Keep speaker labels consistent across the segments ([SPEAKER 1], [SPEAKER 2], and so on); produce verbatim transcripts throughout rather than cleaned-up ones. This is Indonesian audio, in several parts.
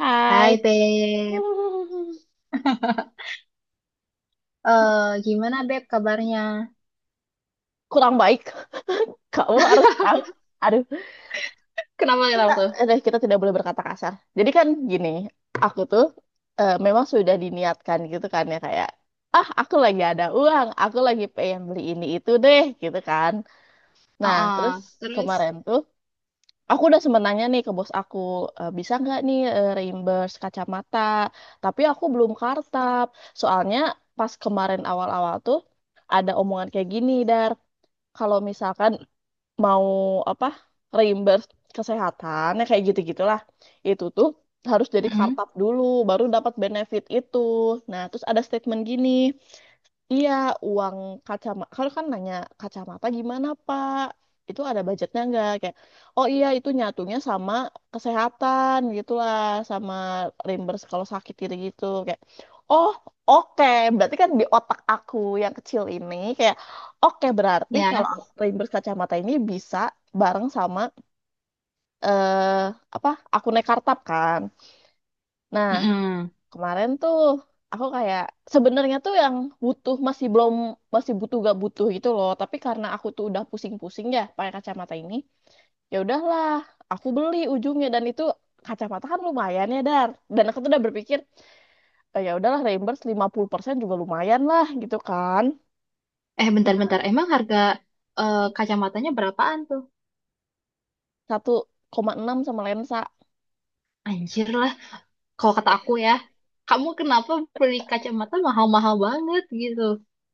[SPEAKER 1] Hai.
[SPEAKER 2] Hai Beb, eh gimana Beb kabarnya?
[SPEAKER 1] Kurang baik. Kamu harus tahu. Aduh,
[SPEAKER 2] Kenapa
[SPEAKER 1] kita,
[SPEAKER 2] kenapa tuh?
[SPEAKER 1] aduh, kita tidak boleh berkata kasar. Jadi kan gini, aku tuh eh, memang sudah diniatkan gitu kan ya kayak, ah aku lagi ada uang, aku lagi pengen beli ini itu deh gitu kan.
[SPEAKER 2] Oh,
[SPEAKER 1] Nah, terus
[SPEAKER 2] oh, terus,
[SPEAKER 1] kemarin tuh aku udah sempat nanya nih ke bos aku, "Eh, bisa nggak nih eh, reimburse kacamata? Tapi aku belum kartab. Soalnya pas kemarin awal-awal tuh ada omongan kayak gini, Dar. kalau misalkan mau apa reimburse kesehatan ya kayak gitu-gitulah itu tuh harus jadi
[SPEAKER 2] Mm-mm,
[SPEAKER 1] kartab dulu, baru dapat benefit itu. Nah, terus ada statement gini, iya, uang kacamata. Kalau kan nanya kacamata gimana, Pak? Itu ada budgetnya nggak? Kayak, oh iya itu nyatunya sama kesehatan gitulah, sama reimburse kalau sakit gitu gitu. Kayak, oh, oke. Berarti kan di otak aku yang kecil ini kayak, oke berarti kalau
[SPEAKER 2] ya,
[SPEAKER 1] reimburse kacamata ini bisa bareng sama eh apa? Aku naik kartab kan. Nah,
[SPEAKER 2] Mm-mm.
[SPEAKER 1] Kemarin tuh aku kayak sebenarnya tuh yang butuh masih belum masih butuh gak butuh gitu loh. Tapi karena aku tuh udah pusing-pusing ya pakai kacamata ini, ya udahlah aku beli ujungnya dan itu kacamata kan lumayan ya, Dar. Dan aku tuh udah berpikir, "Eh, ya udahlah, reimburse lima puluh persen juga lumayan lah gitu kan.
[SPEAKER 2] Eh
[SPEAKER 1] Nah,
[SPEAKER 2] bentar-bentar, emang harga eh, kacamatanya berapaan tuh?
[SPEAKER 1] satu koma enam sama lensa.
[SPEAKER 2] Anjir lah, kalau kata aku ya, kamu kenapa beli kacamata mahal-mahal banget gitu?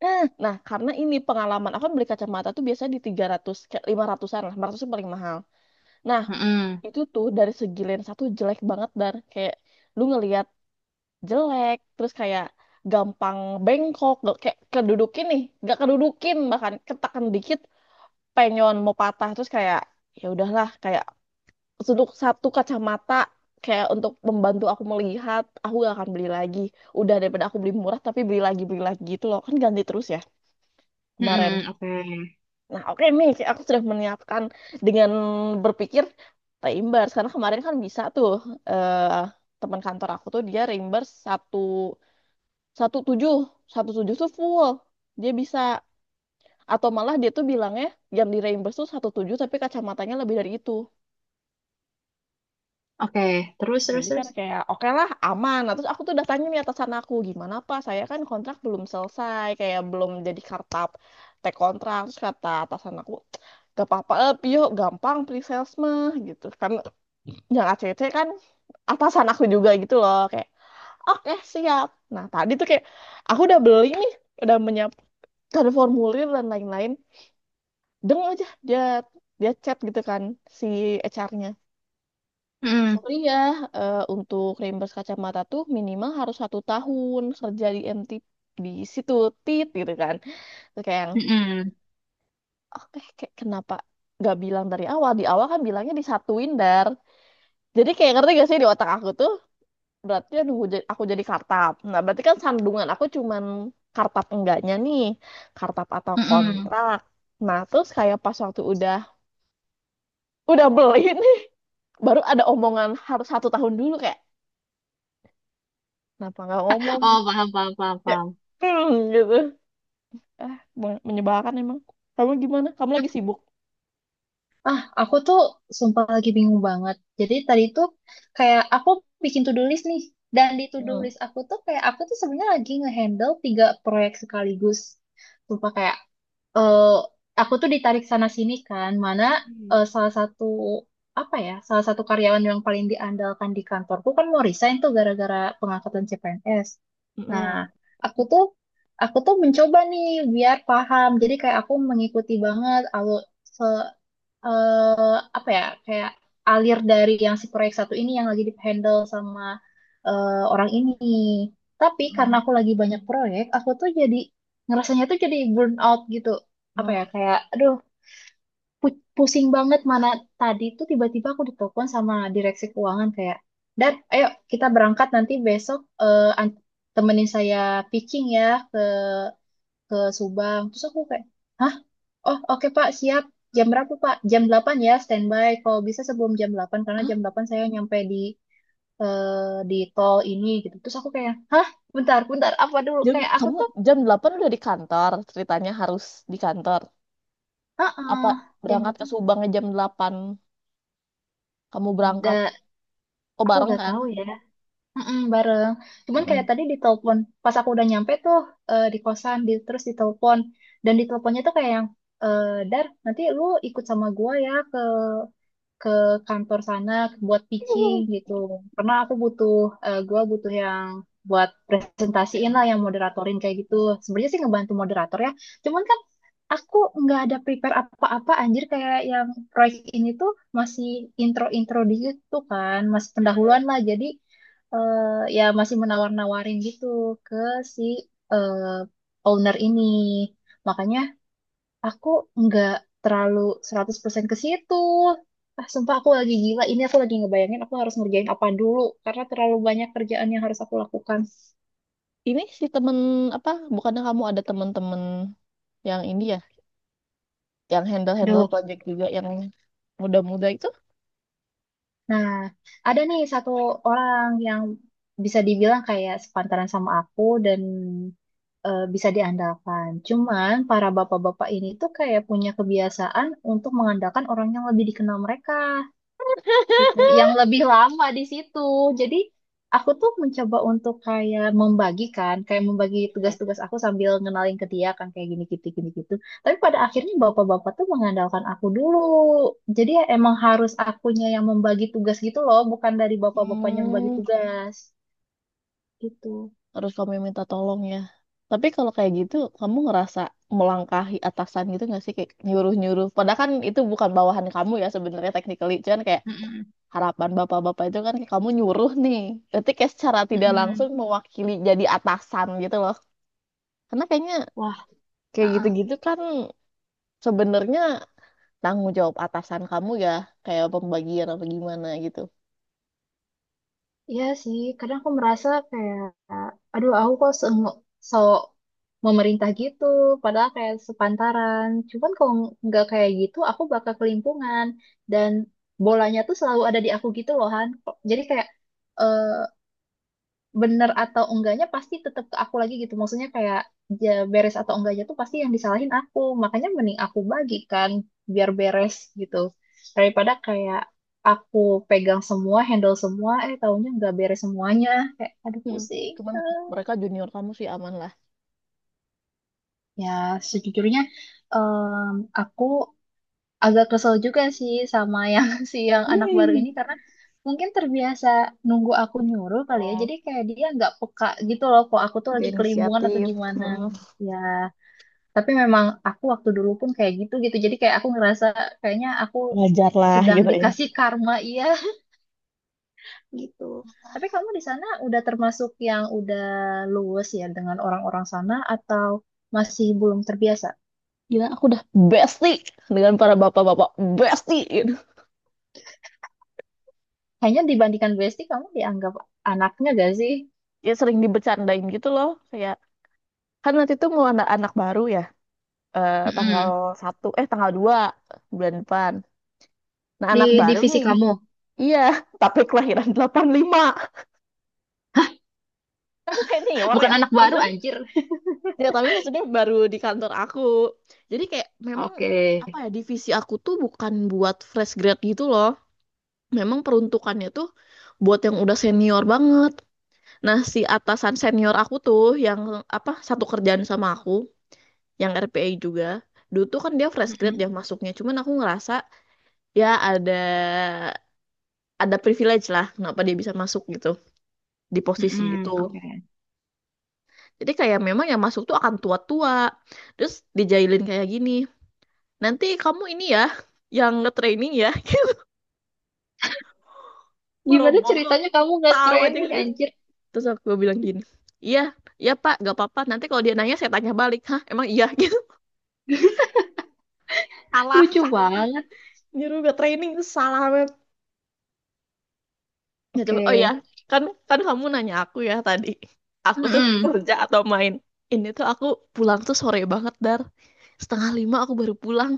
[SPEAKER 1] Eh, Nah, karena ini pengalaman aku kan beli kacamata tuh biasanya di tiga ratus ke lima ratusan-an lah, lima ratus itu paling mahal. Nah,
[SPEAKER 2] Mm-mm,
[SPEAKER 1] itu tuh dari segi lensa tuh jelek banget dan kayak lu ngelihat jelek terus kayak gampang bengkok gak, kayak kedudukin nih gak kedudukin, bahkan ketakan dikit penyon mau patah. Terus kayak ya udahlah, kayak untuk satu kacamata, kayak untuk membantu aku melihat, aku gak akan beli lagi. Udah, daripada aku beli murah tapi beli lagi beli lagi gitu loh, kan ganti terus ya kemarin.
[SPEAKER 2] mm-mm, Oke,
[SPEAKER 1] Nah, oke nih, aku sudah menyiapkan dengan berpikir reimburse karena kemarin kan bisa tuh, eh, teman kantor aku tuh dia reimburse satu satu tujuh, satu tujuh tuh full dia bisa, atau malah dia tuh bilangnya yang di reimburse tuh satu tujuh tapi kacamatanya lebih dari itu.
[SPEAKER 2] Oke, Terus terus
[SPEAKER 1] Jadi kan
[SPEAKER 2] terus,
[SPEAKER 1] kayak oke lah aman. Nah, terus aku tuh udah tanya nih atasan aku, gimana Pak, saya kan kontrak belum selesai, kayak belum jadi kartap, tek kontrak. Terus kata atasan aku, gak apa-apa, eh, Pio gampang pre-sales mah gitu. Kan yang acc kan atasan aku juga gitu loh, kayak oke siap. Nah tadi tuh kayak aku udah beli nih, udah menyiapkan formulir dan lain-lain. Deng aja dia dia chat gitu kan si H R-nya.
[SPEAKER 2] Mm-mm,
[SPEAKER 1] Iya, eh, untuk reimburse kacamata tuh minimal harus satu tahun kerja di M T, di situ tit gitu kan. Terus kayak yang,
[SPEAKER 2] mm-mm,
[SPEAKER 1] oke kayak kenapa gak bilang dari awal? Di awal kan bilangnya disatuin, dar. Jadi kayak ngerti gak sih, di otak aku tuh berarti nunggu jadi, aku jadi kartap. Nah berarti kan sandungan aku cuman kartap enggaknya nih, kartap atau
[SPEAKER 2] mm-mm.
[SPEAKER 1] kontrak. Nah terus kayak pas waktu udah udah beli nih, baru ada omongan harus satu tahun dulu kayak. Kenapa nggak ngomong?
[SPEAKER 2] Oh paham paham paham
[SPEAKER 1] Ya,
[SPEAKER 2] paham.
[SPEAKER 1] hmm, gitu. Ah, men- menyebalkan emang. Kamu gimana? Kamu lagi sibuk?
[SPEAKER 2] Ah, aku tuh sumpah lagi bingung banget. Jadi tadi tuh kayak aku bikin to-do list nih. Dan di to-do
[SPEAKER 1] Hmm.
[SPEAKER 2] list aku tuh kayak aku tuh sebenarnya lagi ngehandle tiga proyek sekaligus. Sumpah kayak eh aku tuh ditarik sana sini kan, mana
[SPEAKER 1] Hmm.
[SPEAKER 2] eh, salah satu apa ya, salah satu karyawan yang paling diandalkan di kantorku kan mau resign tuh gara-gara pengangkatan C P N S. Nah,
[SPEAKER 1] Mm-mm.
[SPEAKER 2] aku tuh aku tuh mencoba nih biar paham. Jadi kayak aku mengikuti banget alur eh apa ya kayak alir dari yang si proyek satu ini yang lagi di handle sama eh, orang ini. Tapi karena
[SPEAKER 1] Mm-mm.
[SPEAKER 2] aku lagi banyak proyek, aku tuh jadi ngerasanya tuh jadi burn out gitu. Apa ya
[SPEAKER 1] Oh.
[SPEAKER 2] kayak aduh pu- pusing banget mana tadi tuh tiba-tiba aku ditelepon sama direksi keuangan kayak, "Dan ayo kita berangkat nanti besok eh, an- temenin saya pitching ya ke ke Subang." Terus aku kayak, "Hah? Oh, oke Pak, siap. Jam berapa Pak? Jam delapan ya, standby. Kalau bisa sebelum jam delapan karena
[SPEAKER 1] Ah.
[SPEAKER 2] jam delapan saya nyampe di eh, di tol ini" gitu. Terus aku kayak, hah? Bentar, bentar, apa dulu?
[SPEAKER 1] Jam,
[SPEAKER 2] Kayak aku
[SPEAKER 1] kamu
[SPEAKER 2] tuh,
[SPEAKER 1] jam delapan udah di kantor, ceritanya harus di kantor. Apa
[SPEAKER 2] heeh, jam
[SPEAKER 1] berangkat ke
[SPEAKER 2] delapan.
[SPEAKER 1] Subang jam delapan? Kamu berangkat.
[SPEAKER 2] Da,
[SPEAKER 1] Oh,
[SPEAKER 2] aku
[SPEAKER 1] bareng
[SPEAKER 2] gak
[SPEAKER 1] kan?
[SPEAKER 2] tahu ya. Mm-mm, bareng. Cuman kayak
[SPEAKER 1] Mm-mm.
[SPEAKER 2] tadi ditelepon, pas aku udah nyampe tuh eh, di kosan, di, terus ditelepon. Dan diteleponnya tuh kayak yang, eh, "Dar, nanti lu ikut sama gua ya ke ke kantor sana buat pitching" gitu. Karena aku butuh, eh, gua butuh yang buat presentasiin lah,
[SPEAKER 1] Keren.
[SPEAKER 2] yang moderatorin kayak gitu. Sebenarnya sih ngebantu moderator ya. Cuman kan aku nggak ada prepare apa-apa anjir kayak yang proyek ini tuh masih intro-intro di situ kan, masih pendahuluan lah. Jadi eh, ya masih menawar-nawarin gitu ke si eh, owner ini. Makanya aku nggak terlalu seratus persen ke situ. Ah, sumpah aku lagi gila. Ini aku lagi ngebayangin aku harus ngerjain apa dulu. Karena terlalu banyak kerjaan yang harus aku lakukan.
[SPEAKER 1] Ini si temen, apa, bukannya kamu ada temen-temen yang ini ya, yang handle-handle
[SPEAKER 2] Duh.
[SPEAKER 1] project juga, yang muda-muda itu?
[SPEAKER 2] Nah, ada nih satu orang yang bisa dibilang kayak sepantaran sama aku dan eh, bisa diandalkan. Cuman para bapak-bapak ini tuh kayak punya kebiasaan untuk mengandalkan orang yang lebih dikenal mereka. Gitu, yang lebih lama di situ. Jadi aku tuh mencoba untuk kayak membagikan, kayak membagi tugas-tugas aku sambil ngenalin ke dia kan kayak gini gitu gini gitu. Tapi pada akhirnya bapak-bapak tuh mengandalkan aku dulu. Jadi ya emang harus akunya yang membagi tugas gitu loh, bukan dari bapak-bapaknya yang membagi
[SPEAKER 1] Hmm.
[SPEAKER 2] tugas gitu.
[SPEAKER 1] harus kamu yang minta tolong ya. Tapi kalau kayak gitu, kamu ngerasa melangkahi atasan gitu nggak sih, kayak nyuruh-nyuruh. Padahal kan itu bukan bawahan kamu ya sebenarnya technically, cuman kayak
[SPEAKER 2] Mm-mm,
[SPEAKER 1] harapan bapak-bapak itu kan kayak kamu nyuruh nih. Berarti kayak secara tidak langsung
[SPEAKER 2] mm-mm.
[SPEAKER 1] mewakili jadi atasan gitu loh. Karena kayaknya
[SPEAKER 2] Wah,
[SPEAKER 1] kayak
[SPEAKER 2] uh-uh.
[SPEAKER 1] gitu-gitu kan sebenarnya tanggung jawab atasan kamu ya, kayak pembagian apa gimana gitu.
[SPEAKER 2] Iya sih, kadang aku merasa kayak, aduh aku kok se sok memerintah gitu, padahal kayak sepantaran. Cuman kalau nggak kayak gitu, aku bakal kelimpungan. Dan bolanya tuh selalu ada di aku gitu loh, Han. Jadi kayak, eh, bener atau enggaknya pasti tetap ke aku lagi gitu. Maksudnya kayak ya, beres atau enggaknya tuh pasti yang disalahin aku. Makanya mending aku bagikan biar beres gitu. Daripada kayak aku pegang semua, handle semua, eh taunya enggak beres semuanya. Kayak aduh
[SPEAKER 1] Hmm.
[SPEAKER 2] pusing.
[SPEAKER 1] Cuman mereka junior kamu sih aman lah.
[SPEAKER 2] Ya sejujurnya em, aku agak kesel juga sih sama yang si yang anak baru
[SPEAKER 1] Hmm.
[SPEAKER 2] ini karena mungkin terbiasa nunggu aku nyuruh kali ya.
[SPEAKER 1] Oh,
[SPEAKER 2] Jadi kayak dia nggak peka gitu loh kok aku tuh
[SPEAKER 1] dia
[SPEAKER 2] lagi kelimbungan atau
[SPEAKER 1] inisiatif.
[SPEAKER 2] gimana.
[SPEAKER 1] Hmm.
[SPEAKER 2] Ya, tapi memang aku waktu dulu pun kayak gitu gitu. Jadi kayak aku ngerasa kayaknya aku
[SPEAKER 1] wajar lah
[SPEAKER 2] sedang
[SPEAKER 1] gitu ya.
[SPEAKER 2] dikasih karma iya gitu. Tapi kamu di sana udah termasuk yang udah luwes ya dengan orang-orang sana atau masih belum terbiasa?
[SPEAKER 1] Gila, aku udah bestie dengan para bapak-bapak, bestie gitu.
[SPEAKER 2] Kayaknya dibandingkan Besti kamu dianggap anaknya gak
[SPEAKER 1] Ya sering dibercandain gitu loh, kayak kan nanti tuh mau anak anak baru ya, eh, tanggal
[SPEAKER 2] sih?
[SPEAKER 1] satu, eh, tanggal dua bulan depan. Nah
[SPEAKER 2] Di
[SPEAKER 1] anak baru
[SPEAKER 2] divisi
[SPEAKER 1] nih.
[SPEAKER 2] kamu.
[SPEAKER 1] Iya, tapi kelahiran delapan puluh lima.
[SPEAKER 2] Hah,
[SPEAKER 1] Kan senior
[SPEAKER 2] bukan
[SPEAKER 1] ya,
[SPEAKER 2] anak baru
[SPEAKER 1] maksudnya.
[SPEAKER 2] anjir.
[SPEAKER 1] Ya tapi maksudnya baru di kantor aku. Jadi kayak memang
[SPEAKER 2] Oke.
[SPEAKER 1] apa ya, divisi aku tuh bukan buat fresh grad gitu loh. Memang peruntukannya tuh buat yang udah senior banget. Nah, si atasan senior aku tuh yang apa satu kerjaan sama aku, yang R P A juga. Dulu tuh kan dia fresh grad
[SPEAKER 2] Mm-mm,
[SPEAKER 1] yang masuknya, cuman aku ngerasa ya ada ada privilege lah kenapa dia bisa masuk gitu di posisi
[SPEAKER 2] mm-mm,
[SPEAKER 1] itu.
[SPEAKER 2] Oke.
[SPEAKER 1] Jadi kayak memang yang masuk tuh akan tua-tua. Terus dijailin kayak gini, nanti kamu ini ya yang nge-training ya.
[SPEAKER 2] Gimana
[SPEAKER 1] Boro-boro
[SPEAKER 2] ceritanya kamu nggak
[SPEAKER 1] tahu aja.
[SPEAKER 2] training anjir?
[SPEAKER 1] Terus aku bilang gini, "Iya, iya Pak, gak apa-apa. Nanti kalau dia nanya saya tanya balik. Hah, emang iya? gitu. Salah,
[SPEAKER 2] Lucu
[SPEAKER 1] salah.
[SPEAKER 2] banget.
[SPEAKER 1] nyuruh gak training itu salah banget. Ya
[SPEAKER 2] Oke.
[SPEAKER 1] coba, oh ya, kan kan kamu nanya aku ya tadi, aku tuh
[SPEAKER 2] Mm-mm,
[SPEAKER 1] kerja atau main. Ini tuh aku pulang tuh sore banget, dar. Setengah lima aku baru pulang.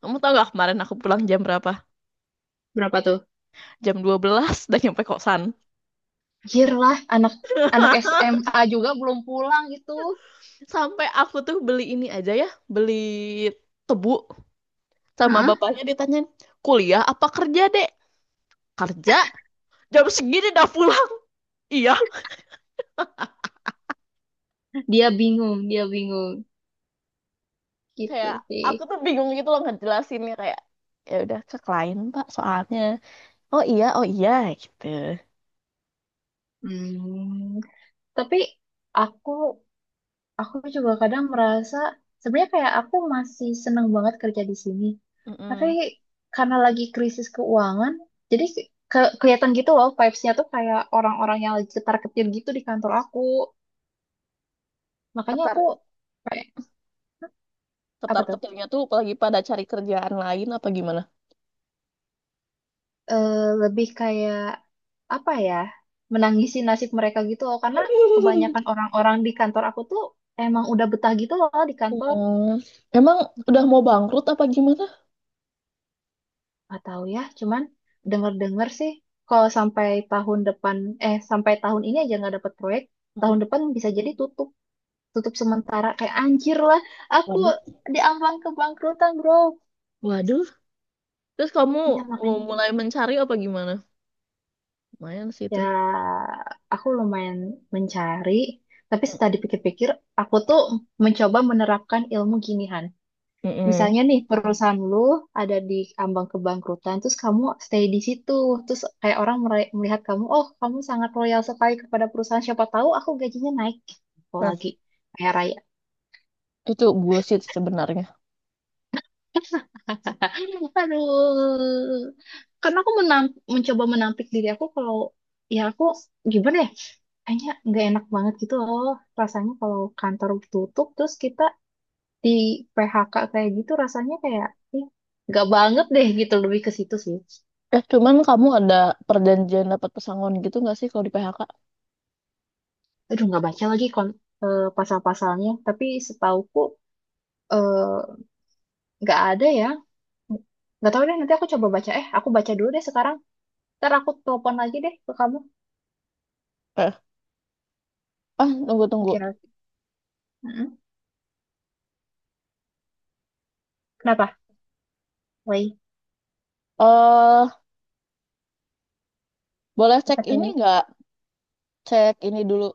[SPEAKER 1] Kamu tau gak kemarin aku pulang jam berapa?
[SPEAKER 2] Berapa tuh?
[SPEAKER 1] Jam dua belas, dan nyampe kosan.
[SPEAKER 2] Anjir lah, anak anak S M A juga belum pulang gitu.
[SPEAKER 1] Sampai aku tuh beli ini aja ya, beli tebu, sama
[SPEAKER 2] Heeh,
[SPEAKER 1] bapaknya ditanyain, kuliah apa kerja, dek? Kerja, jam segini udah pulang? Iya.
[SPEAKER 2] Dia bingung, dia bingung. Gitu
[SPEAKER 1] Kayak
[SPEAKER 2] sih.
[SPEAKER 1] aku tuh bingung gitu loh ngejelasinnya, kayak, ya udah ke klien, Pak, soalnya. Oh iya, oh iya gitu.
[SPEAKER 2] Hmm. Tapi aku aku juga kadang merasa sebenarnya kayak aku masih seneng banget kerja di sini. Tapi
[SPEAKER 1] mm
[SPEAKER 2] karena lagi krisis keuangan, jadi ke- kelihatan gitu loh vibes-nya tuh kayak orang-orang yang lagi ketar-ketir gitu di kantor aku. Makanya
[SPEAKER 1] ketar
[SPEAKER 2] aku kayak apa
[SPEAKER 1] ketar
[SPEAKER 2] tuh?
[SPEAKER 1] ketarnya tuh apalagi pada cari kerjaan lain apa gimana.
[SPEAKER 2] Eh, lebih kayak apa ya? Menangisi nasib mereka gitu loh karena kebanyakan orang-orang di kantor aku tuh emang udah betah gitu loh di kantor.
[SPEAKER 1] Hmm, emang udah mau bangkrut apa gimana?
[SPEAKER 2] Nggak tahu ya, cuman dengar-dengar sih kalau sampai tahun depan eh sampai tahun ini aja nggak dapat proyek, tahun
[SPEAKER 1] Mm-mm.
[SPEAKER 2] depan bisa jadi tutup, tutup sementara kayak anjir lah. Aku
[SPEAKER 1] Waduh,
[SPEAKER 2] di ambang kebangkrutan, Bro.
[SPEAKER 1] waduh. Terus kamu
[SPEAKER 2] Ya
[SPEAKER 1] mau
[SPEAKER 2] makanya
[SPEAKER 1] mulai mencari apa gimana? Lumayan sih itu.
[SPEAKER 2] ya aku lumayan mencari, tapi setelah dipikir-pikir aku tuh mencoba menerapkan ilmu ginihan.
[SPEAKER 1] Mm-mm.
[SPEAKER 2] Misalnya nih perusahaan lu ada di ambang kebangkrutan, terus kamu stay di situ, terus kayak orang mere- melihat kamu, oh kamu sangat loyal sekali kepada perusahaan, siapa tahu aku gajinya naik gitu
[SPEAKER 1] Nah,
[SPEAKER 2] lagi kayak raya.
[SPEAKER 1] itu bullshit sih sebenarnya.
[SPEAKER 2] Aduh, karena aku menam- mencoba menampik diri aku kalau ya aku gimana ya, kayaknya nggak enak banget gitu loh rasanya kalau kantor tutup terus kita di P H K kayak gitu rasanya kayak ih, nggak banget deh gitu lebih ke situ sih.
[SPEAKER 1] Eh, cuman kamu ada perjanjian dapat pesangon gitu nggak sih kalau di P H K?
[SPEAKER 2] Aduh nggak baca lagi kon eh, pasal-pasalnya tapi setauku eh, nggak ada ya nggak tahu deh nanti aku coba baca eh aku baca dulu deh sekarang ntar aku telepon lagi deh ke kamu
[SPEAKER 1] Eh, ah, tunggu tunggu.
[SPEAKER 2] oke oke. Mm-mm. Kenapa Woi
[SPEAKER 1] eh boleh cek
[SPEAKER 2] apa
[SPEAKER 1] ini
[SPEAKER 2] tuh
[SPEAKER 1] nggak? Cek ini dulu.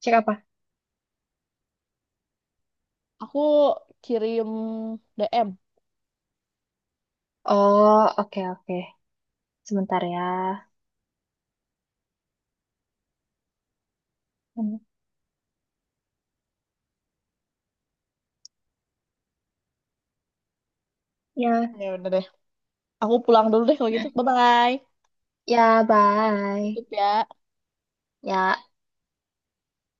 [SPEAKER 2] cek apa
[SPEAKER 1] Aku kirim D M.
[SPEAKER 2] oh oke oke sebentar ya. Mm. Ya
[SPEAKER 1] Ya udah deh. Aku pulang dulu deh kalau gitu. Bye-bye.
[SPEAKER 2] ya bye
[SPEAKER 1] Tutup ya.
[SPEAKER 2] ya.